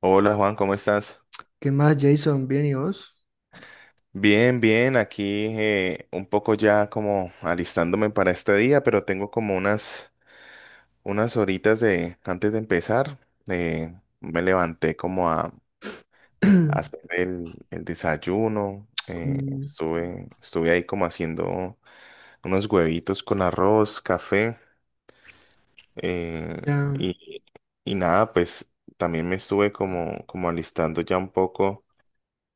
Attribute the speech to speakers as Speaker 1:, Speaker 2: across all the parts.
Speaker 1: Hola Juan, ¿cómo estás?
Speaker 2: ¿Qué más, Jason? ¿Bien y vos?
Speaker 1: Bien, bien, aquí un poco ya como alistándome para este día, pero tengo como unas horitas de antes de empezar. eh, Me levanté como a hacer el desayuno.
Speaker 2: Mm,
Speaker 1: Estuve ahí como haciendo unos huevitos con arroz, café. eh,
Speaker 2: Ya,
Speaker 1: y, y nada, pues también me estuve como alistando ya un poco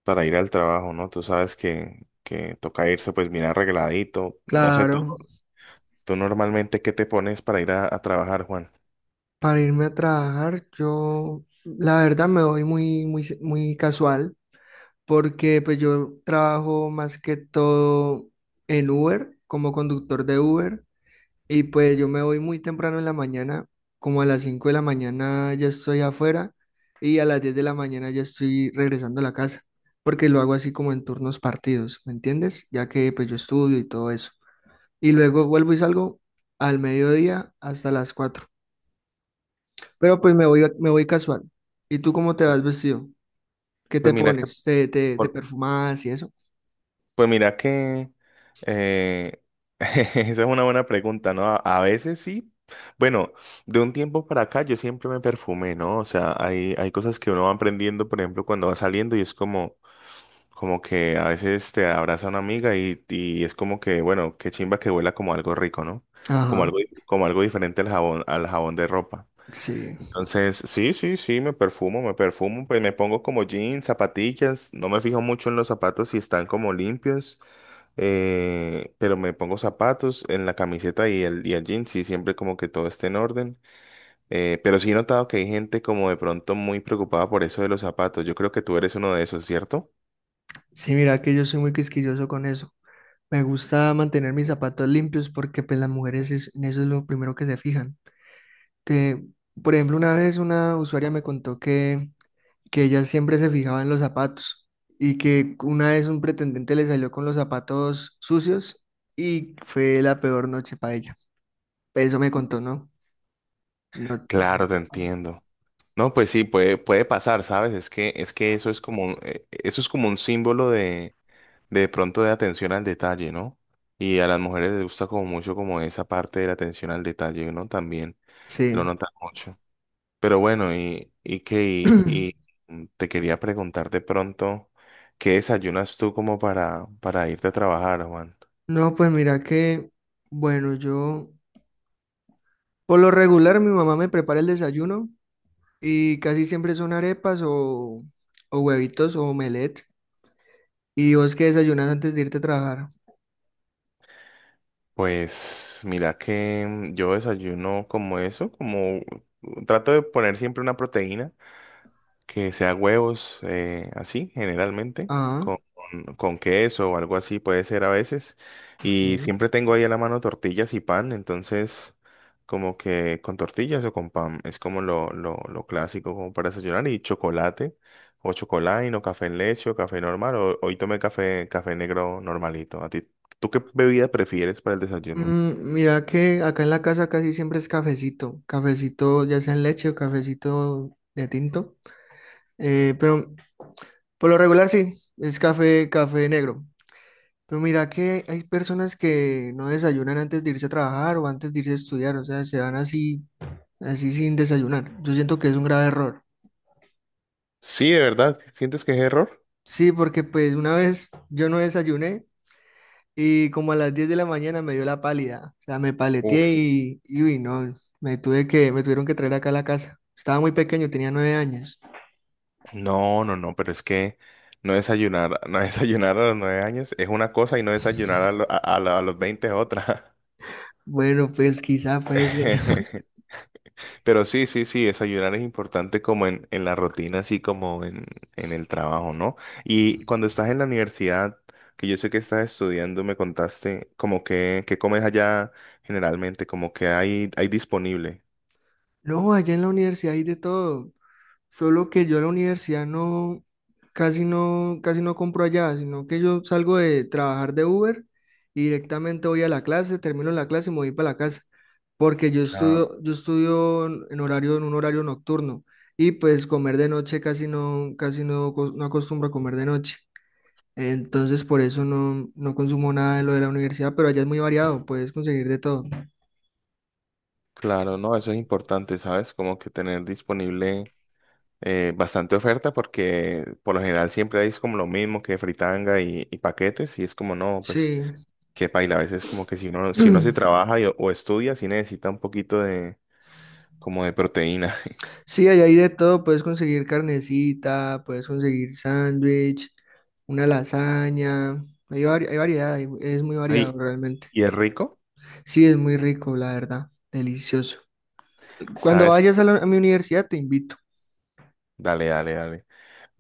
Speaker 1: para ir al trabajo, ¿no? Tú sabes que toca irse pues bien arregladito. No sé,
Speaker 2: claro.
Speaker 1: tú normalmente qué te pones para ir a trabajar, Juan.
Speaker 2: Para irme a trabajar, yo la verdad me voy muy, muy, muy casual porque pues yo trabajo más que todo en Uber, como conductor de Uber, y pues yo me voy muy temprano en la mañana, como a las 5 de la mañana ya estoy afuera y a las 10 de la mañana ya estoy regresando a la casa, porque lo hago así como en turnos partidos, ¿me entiendes? Ya que pues yo estudio y todo eso. Y luego vuelvo y salgo al mediodía hasta las 4. Pero pues me voy casual. ¿Y tú cómo te vas vestido? ¿Qué
Speaker 1: Pues
Speaker 2: te
Speaker 1: mira que,
Speaker 2: pones? ¿Te
Speaker 1: por-
Speaker 2: perfumas y eso?
Speaker 1: pues mira que eh, esa es una buena pregunta, ¿no? A veces sí. Bueno, de un tiempo para acá yo siempre me perfumé, ¿no? O sea, hay cosas que uno va aprendiendo, por ejemplo, cuando va saliendo y es como. Como que a veces te abraza una amiga y es como que, bueno, qué chimba que huela como algo rico, ¿no? Como
Speaker 2: Ajá,
Speaker 1: algo, Como algo diferente al jabón de ropa.
Speaker 2: sí.
Speaker 1: Entonces, sí, sí, sí, me perfumo, pues me pongo como jeans, zapatillas, no me fijo mucho en los zapatos si están como limpios, pero me pongo zapatos en la camiseta y y el jean, sí, siempre como que todo esté en orden. Pero sí he notado que hay gente como de pronto muy preocupada por eso de los zapatos. Yo creo que tú eres uno de esos, ¿cierto?
Speaker 2: Sí, mira que yo soy muy quisquilloso con eso. Me gusta mantener mis zapatos limpios porque pues las mujeres en eso es lo primero que se fijan. Que por ejemplo, una vez una usuaria me contó que ella siempre se fijaba en los zapatos y que una vez un pretendiente le salió con los zapatos sucios y fue la peor noche para ella. Eso me contó, ¿no? No,
Speaker 1: Claro, te entiendo. No, pues sí, puede pasar, ¿sabes? Es que eso es como eso es como un símbolo de pronto de atención al detalle, ¿no? Y a las mujeres les gusta como mucho como esa parte de la atención al detalle, ¿no? También lo
Speaker 2: sí.
Speaker 1: notan mucho. Pero bueno, y que y, mm, te quería preguntar de pronto, ¿qué desayunas tú como para irte a trabajar, Juan?
Speaker 2: No, pues mira que, bueno, yo por lo regular mi mamá me prepara el desayuno y casi siempre son arepas o huevitos o omelette. ¿Y vos qué desayunas antes de irte a trabajar?
Speaker 1: Pues mira que yo desayuno como eso, como trato de poner siempre una proteína. Que sea huevos, así generalmente,
Speaker 2: Ah,
Speaker 1: con queso o algo así puede ser a veces. Y
Speaker 2: ok.
Speaker 1: siempre tengo ahí a la mano tortillas y pan, entonces como que con tortillas o con pan es como lo clásico como para desayunar y chocolate o chocolate o café en leche o café normal o hoy tomé café, café negro normalito. ¿A ti, tú qué bebida prefieres para el desayuno?
Speaker 2: Mm, mira que acá en la casa casi siempre es cafecito, cafecito ya sea en leche o cafecito de tinto, pero por lo regular sí, es café, café negro. Pero mira que hay personas que no desayunan antes de irse a trabajar o antes de irse a estudiar, o sea, se van así, sin desayunar. Yo siento que es un grave error.
Speaker 1: Sí, de verdad, ¿sientes que es error?
Speaker 2: Sí, porque pues una vez yo no desayuné. Y como a las 10 de la mañana me dio la pálida. O sea, me paleteé y uy, no, me tuvieron que traer acá a la casa. Estaba muy pequeño, tenía 9 años.
Speaker 1: No, no, no, pero es que no desayunar, no desayunar a los nueve años es una cosa y no desayunar a, lo- a la- a los veinte es otra.
Speaker 2: Bueno, pues quizá puede ser.
Speaker 1: Pero sí, sí, sí, desayunar es importante como en la rutina, así como en el trabajo, ¿no? Y cuando estás en la universidad, que yo sé que estás estudiando, me contaste como que comes allá generalmente, como que hay disponible.
Speaker 2: No, allá en la universidad hay de todo. Solo que yo a la universidad no, casi no compro allá, sino que yo salgo de trabajar de Uber y directamente voy a la clase, termino la clase y me voy para la casa, porque yo
Speaker 1: Claro.
Speaker 2: estudio, yo estudio en horario, en un horario nocturno. Y pues comer de noche casi no, no acostumbro a comer de noche. Entonces por eso no consumo nada de lo de la universidad, pero allá es muy variado, puedes conseguir de todo.
Speaker 1: Claro, no, eso es importante, ¿sabes? Como que tener disponible. Bastante oferta porque por lo general siempre hay como lo mismo que fritanga y paquetes y es como no, pues
Speaker 2: Sí.
Speaker 1: qué paila, a veces como que si uno, si uno se trabaja y- o estudia, sí necesita un poquito de como de proteína.
Speaker 2: Sí, hay ahí de todo, puedes conseguir carnecita, puedes conseguir sándwich, una lasaña, hay variedad, es muy variado
Speaker 1: Ay,
Speaker 2: realmente.
Speaker 1: y es rico,
Speaker 2: Sí, es muy rico, la verdad, delicioso. Cuando
Speaker 1: ¿sabes?
Speaker 2: vayas a mi universidad te invito,
Speaker 1: Dale, dale, dale.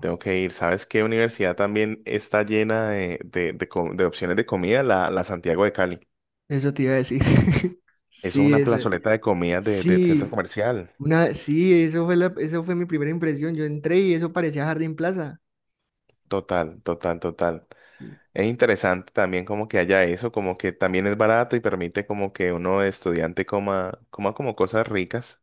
Speaker 1: Tengo que ir. ¿Sabes qué universidad también está llena de, de opciones de comida? La, la Santiago de Cali.
Speaker 2: eso te iba a decir.
Speaker 1: Eso es
Speaker 2: Sí,
Speaker 1: una plazoleta de comida de centro
Speaker 2: sí,
Speaker 1: comercial.
Speaker 2: sí, eso fue mi primera impresión, yo entré y eso parecía Jardín Plaza.
Speaker 1: Total, total, total.
Speaker 2: Sí.
Speaker 1: Es interesante también como que haya eso, como que también es barato y permite como que uno estudiante coma, coma como cosas ricas.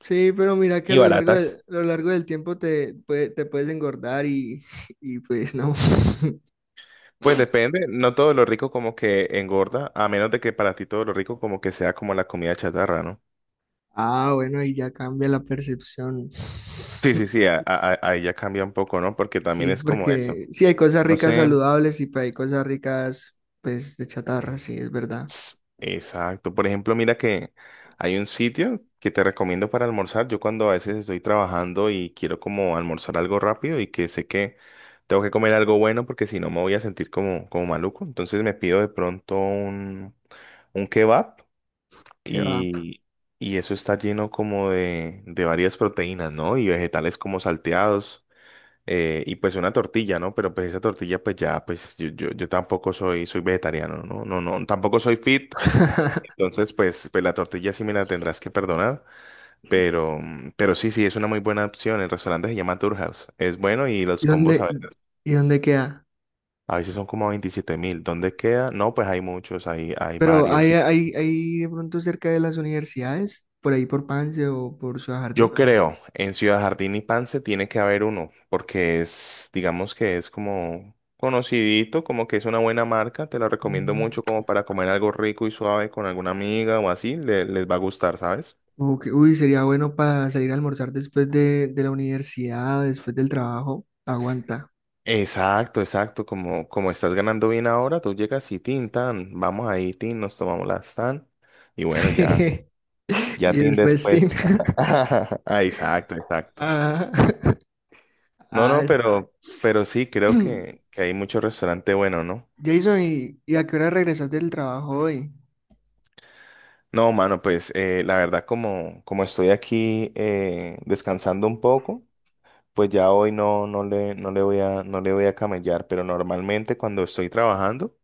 Speaker 2: Sí, pero mira que
Speaker 1: Y baratas.
Speaker 2: a lo largo del tiempo te puedes engordar y, y pues no.
Speaker 1: Pues depende, no todo lo rico como que engorda, a menos de que para ti todo lo rico como que sea como la comida chatarra, ¿no?
Speaker 2: Ah, bueno, ahí ya cambia la percepción.
Speaker 1: Sí, sí, sí, ahí ya cambia un poco, ¿no? Porque también
Speaker 2: Sí,
Speaker 1: es como eso.
Speaker 2: porque sí hay cosas
Speaker 1: No
Speaker 2: ricas
Speaker 1: sé.
Speaker 2: saludables y pues, hay cosas ricas, pues, de chatarra, sí, es verdad.
Speaker 1: Exacto. Por ejemplo, mira que hay un sitio que te recomiendo para almorzar. Yo cuando a veces estoy trabajando y quiero como almorzar algo rápido y que sé que tengo que comer algo bueno porque si no me voy a sentir como, como maluco. Entonces me pido de pronto un kebab
Speaker 2: Qué va.
Speaker 1: y, y eso está lleno como de varias proteínas, ¿no? Y vegetales como salteados. Y pues una tortilla, ¿no? Pero pues esa tortilla, pues ya, pues yo tampoco soy vegetariano, ¿no? No, no, tampoco soy fit, entonces, pues, pues la tortilla sí me la tendrás que perdonar, pero, pero sí, sí, es una muy buena opción. El restaurante se llama Tourhouse. Es bueno y
Speaker 2: ¿Y
Speaker 1: los combos a,
Speaker 2: dónde,
Speaker 1: ver,
Speaker 2: y dónde queda?
Speaker 1: a veces son como 27 mil. ¿Dónde queda? No, pues hay muchos, hay
Speaker 2: Pero hay,
Speaker 1: varios.
Speaker 2: hay, hay de pronto cerca de las universidades, por ahí por Pance o por Ciudad Jardín.
Speaker 1: Yo creo, en Ciudad Jardín y Pance tiene que haber uno, porque es, digamos que es como conocidito, como que es una buena marca. Te la recomiendo
Speaker 2: Mm.
Speaker 1: mucho como para comer algo rico y suave con alguna amiga o así. Les va a gustar, ¿sabes?
Speaker 2: Ok, uy, sería bueno para salir a almorzar después de la universidad, después del trabajo. Aguanta.
Speaker 1: Exacto, exacto. Como, como estás ganando bien ahora, tú llegas y tin, tan, vamos ahí, tin, nos tomamos las tan. Y bueno, ya, ya
Speaker 2: Y
Speaker 1: tin
Speaker 2: es festín.
Speaker 1: después. Ah, exacto, exacto.
Speaker 2: Ah,
Speaker 1: No, no,
Speaker 2: ah,
Speaker 1: pero sí, creo que hay mucho restaurante bueno, ¿no?
Speaker 2: Jason, ¿y a qué hora regresas del trabajo hoy?
Speaker 1: No, mano, pues la verdad, como, como estoy aquí descansando un poco, pues ya hoy no, no le voy no le voy a camellar, pero normalmente cuando estoy trabajando,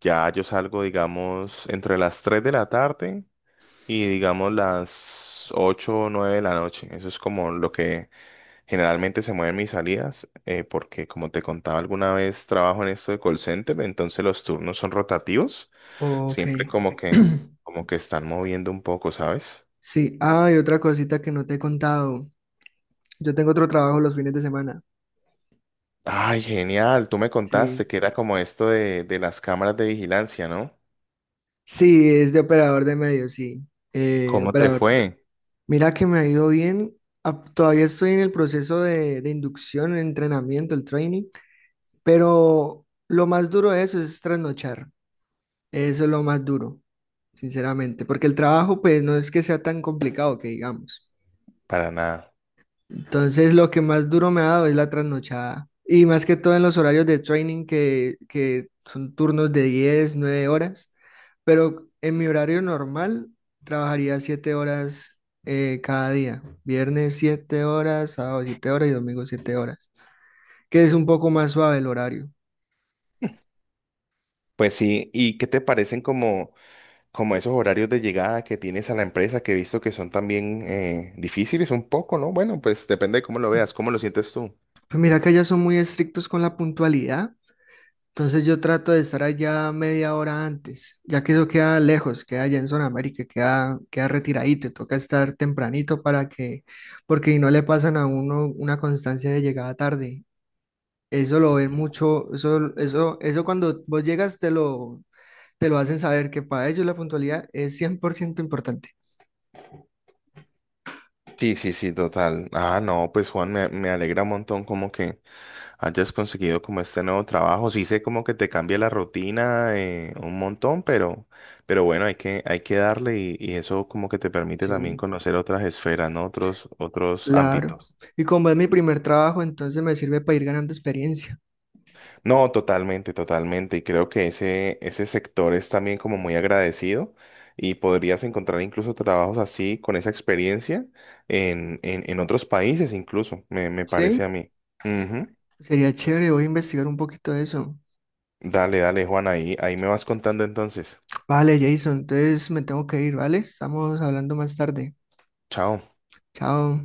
Speaker 1: ya yo salgo, digamos, entre las 3 de la tarde. Y digamos las 8 o 9 de la noche. Eso es como lo que generalmente se mueven mis salidas, porque como te contaba alguna vez, trabajo en esto de call center, entonces los turnos son rotativos,
Speaker 2: Ok.
Speaker 1: siempre como como que están moviendo un poco, ¿sabes?
Speaker 2: Sí, ah, y otra cosita que no te he contado. Yo tengo otro trabajo los fines de semana.
Speaker 1: Ay, genial, tú me contaste
Speaker 2: Sí.
Speaker 1: que era como esto de las cámaras de vigilancia, ¿no?
Speaker 2: Sí, es de operador de medios, sí.
Speaker 1: ¿Cómo te
Speaker 2: Operador.
Speaker 1: fue?
Speaker 2: Mira que me ha ido bien. Ah, todavía estoy en el proceso de inducción, el entrenamiento, el training, pero lo más duro de eso es trasnochar. Eso es lo más duro, sinceramente, porque el trabajo pues no es que sea tan complicado que digamos.
Speaker 1: Para nada.
Speaker 2: Entonces, lo que más duro me ha dado es la trasnochada. Y más que todo en los horarios de training, que son turnos de 10 9 horas. Pero en mi horario normal, trabajaría 7 horas cada día. Viernes 7 horas, sábado 7 horas y domingo 7 horas. Que es un poco más suave el horario.
Speaker 1: Pues sí, ¿y qué te parecen como... como esos horarios de llegada que tienes a la empresa, que he visto que son también difíciles un poco, ¿no? Bueno, pues depende de cómo lo veas, cómo lo sientes tú.
Speaker 2: Pues mira que allá son muy estrictos con la puntualidad. Entonces yo trato de estar allá media hora antes, ya que eso queda lejos, queda allá en zona América, queda retiradito, toca estar tempranito porque si no le pasan a uno una constancia de llegada tarde. Eso lo ven mucho, eso cuando vos llegas te lo hacen saber que para ellos la puntualidad es 100% importante.
Speaker 1: Sí, sí, sí, total. Ah, no, pues Juan, me alegra un montón como que hayas conseguido como este nuevo trabajo. Sí sé como que te cambia la rutina un montón, pero bueno, hay que darle y eso como que te permite también
Speaker 2: Sí.
Speaker 1: conocer otras esferas, ¿no? Otros, otros
Speaker 2: Claro.
Speaker 1: ámbitos.
Speaker 2: Y como es mi primer trabajo, entonces me sirve para ir ganando experiencia.
Speaker 1: No, totalmente, totalmente. Y creo que ese sector es también como muy agradecido y podrías encontrar incluso trabajos así con esa experiencia en otros países incluso, me parece a
Speaker 2: ¿Sí?
Speaker 1: mí. Ujú.
Speaker 2: Sería chévere, voy a investigar un poquito de eso.
Speaker 1: Dale, dale, Juan, ahí, ahí me vas contando entonces.
Speaker 2: Vale, Jason, entonces me tengo que ir, ¿vale? Estamos hablando más tarde.
Speaker 1: Chao.
Speaker 2: Chao.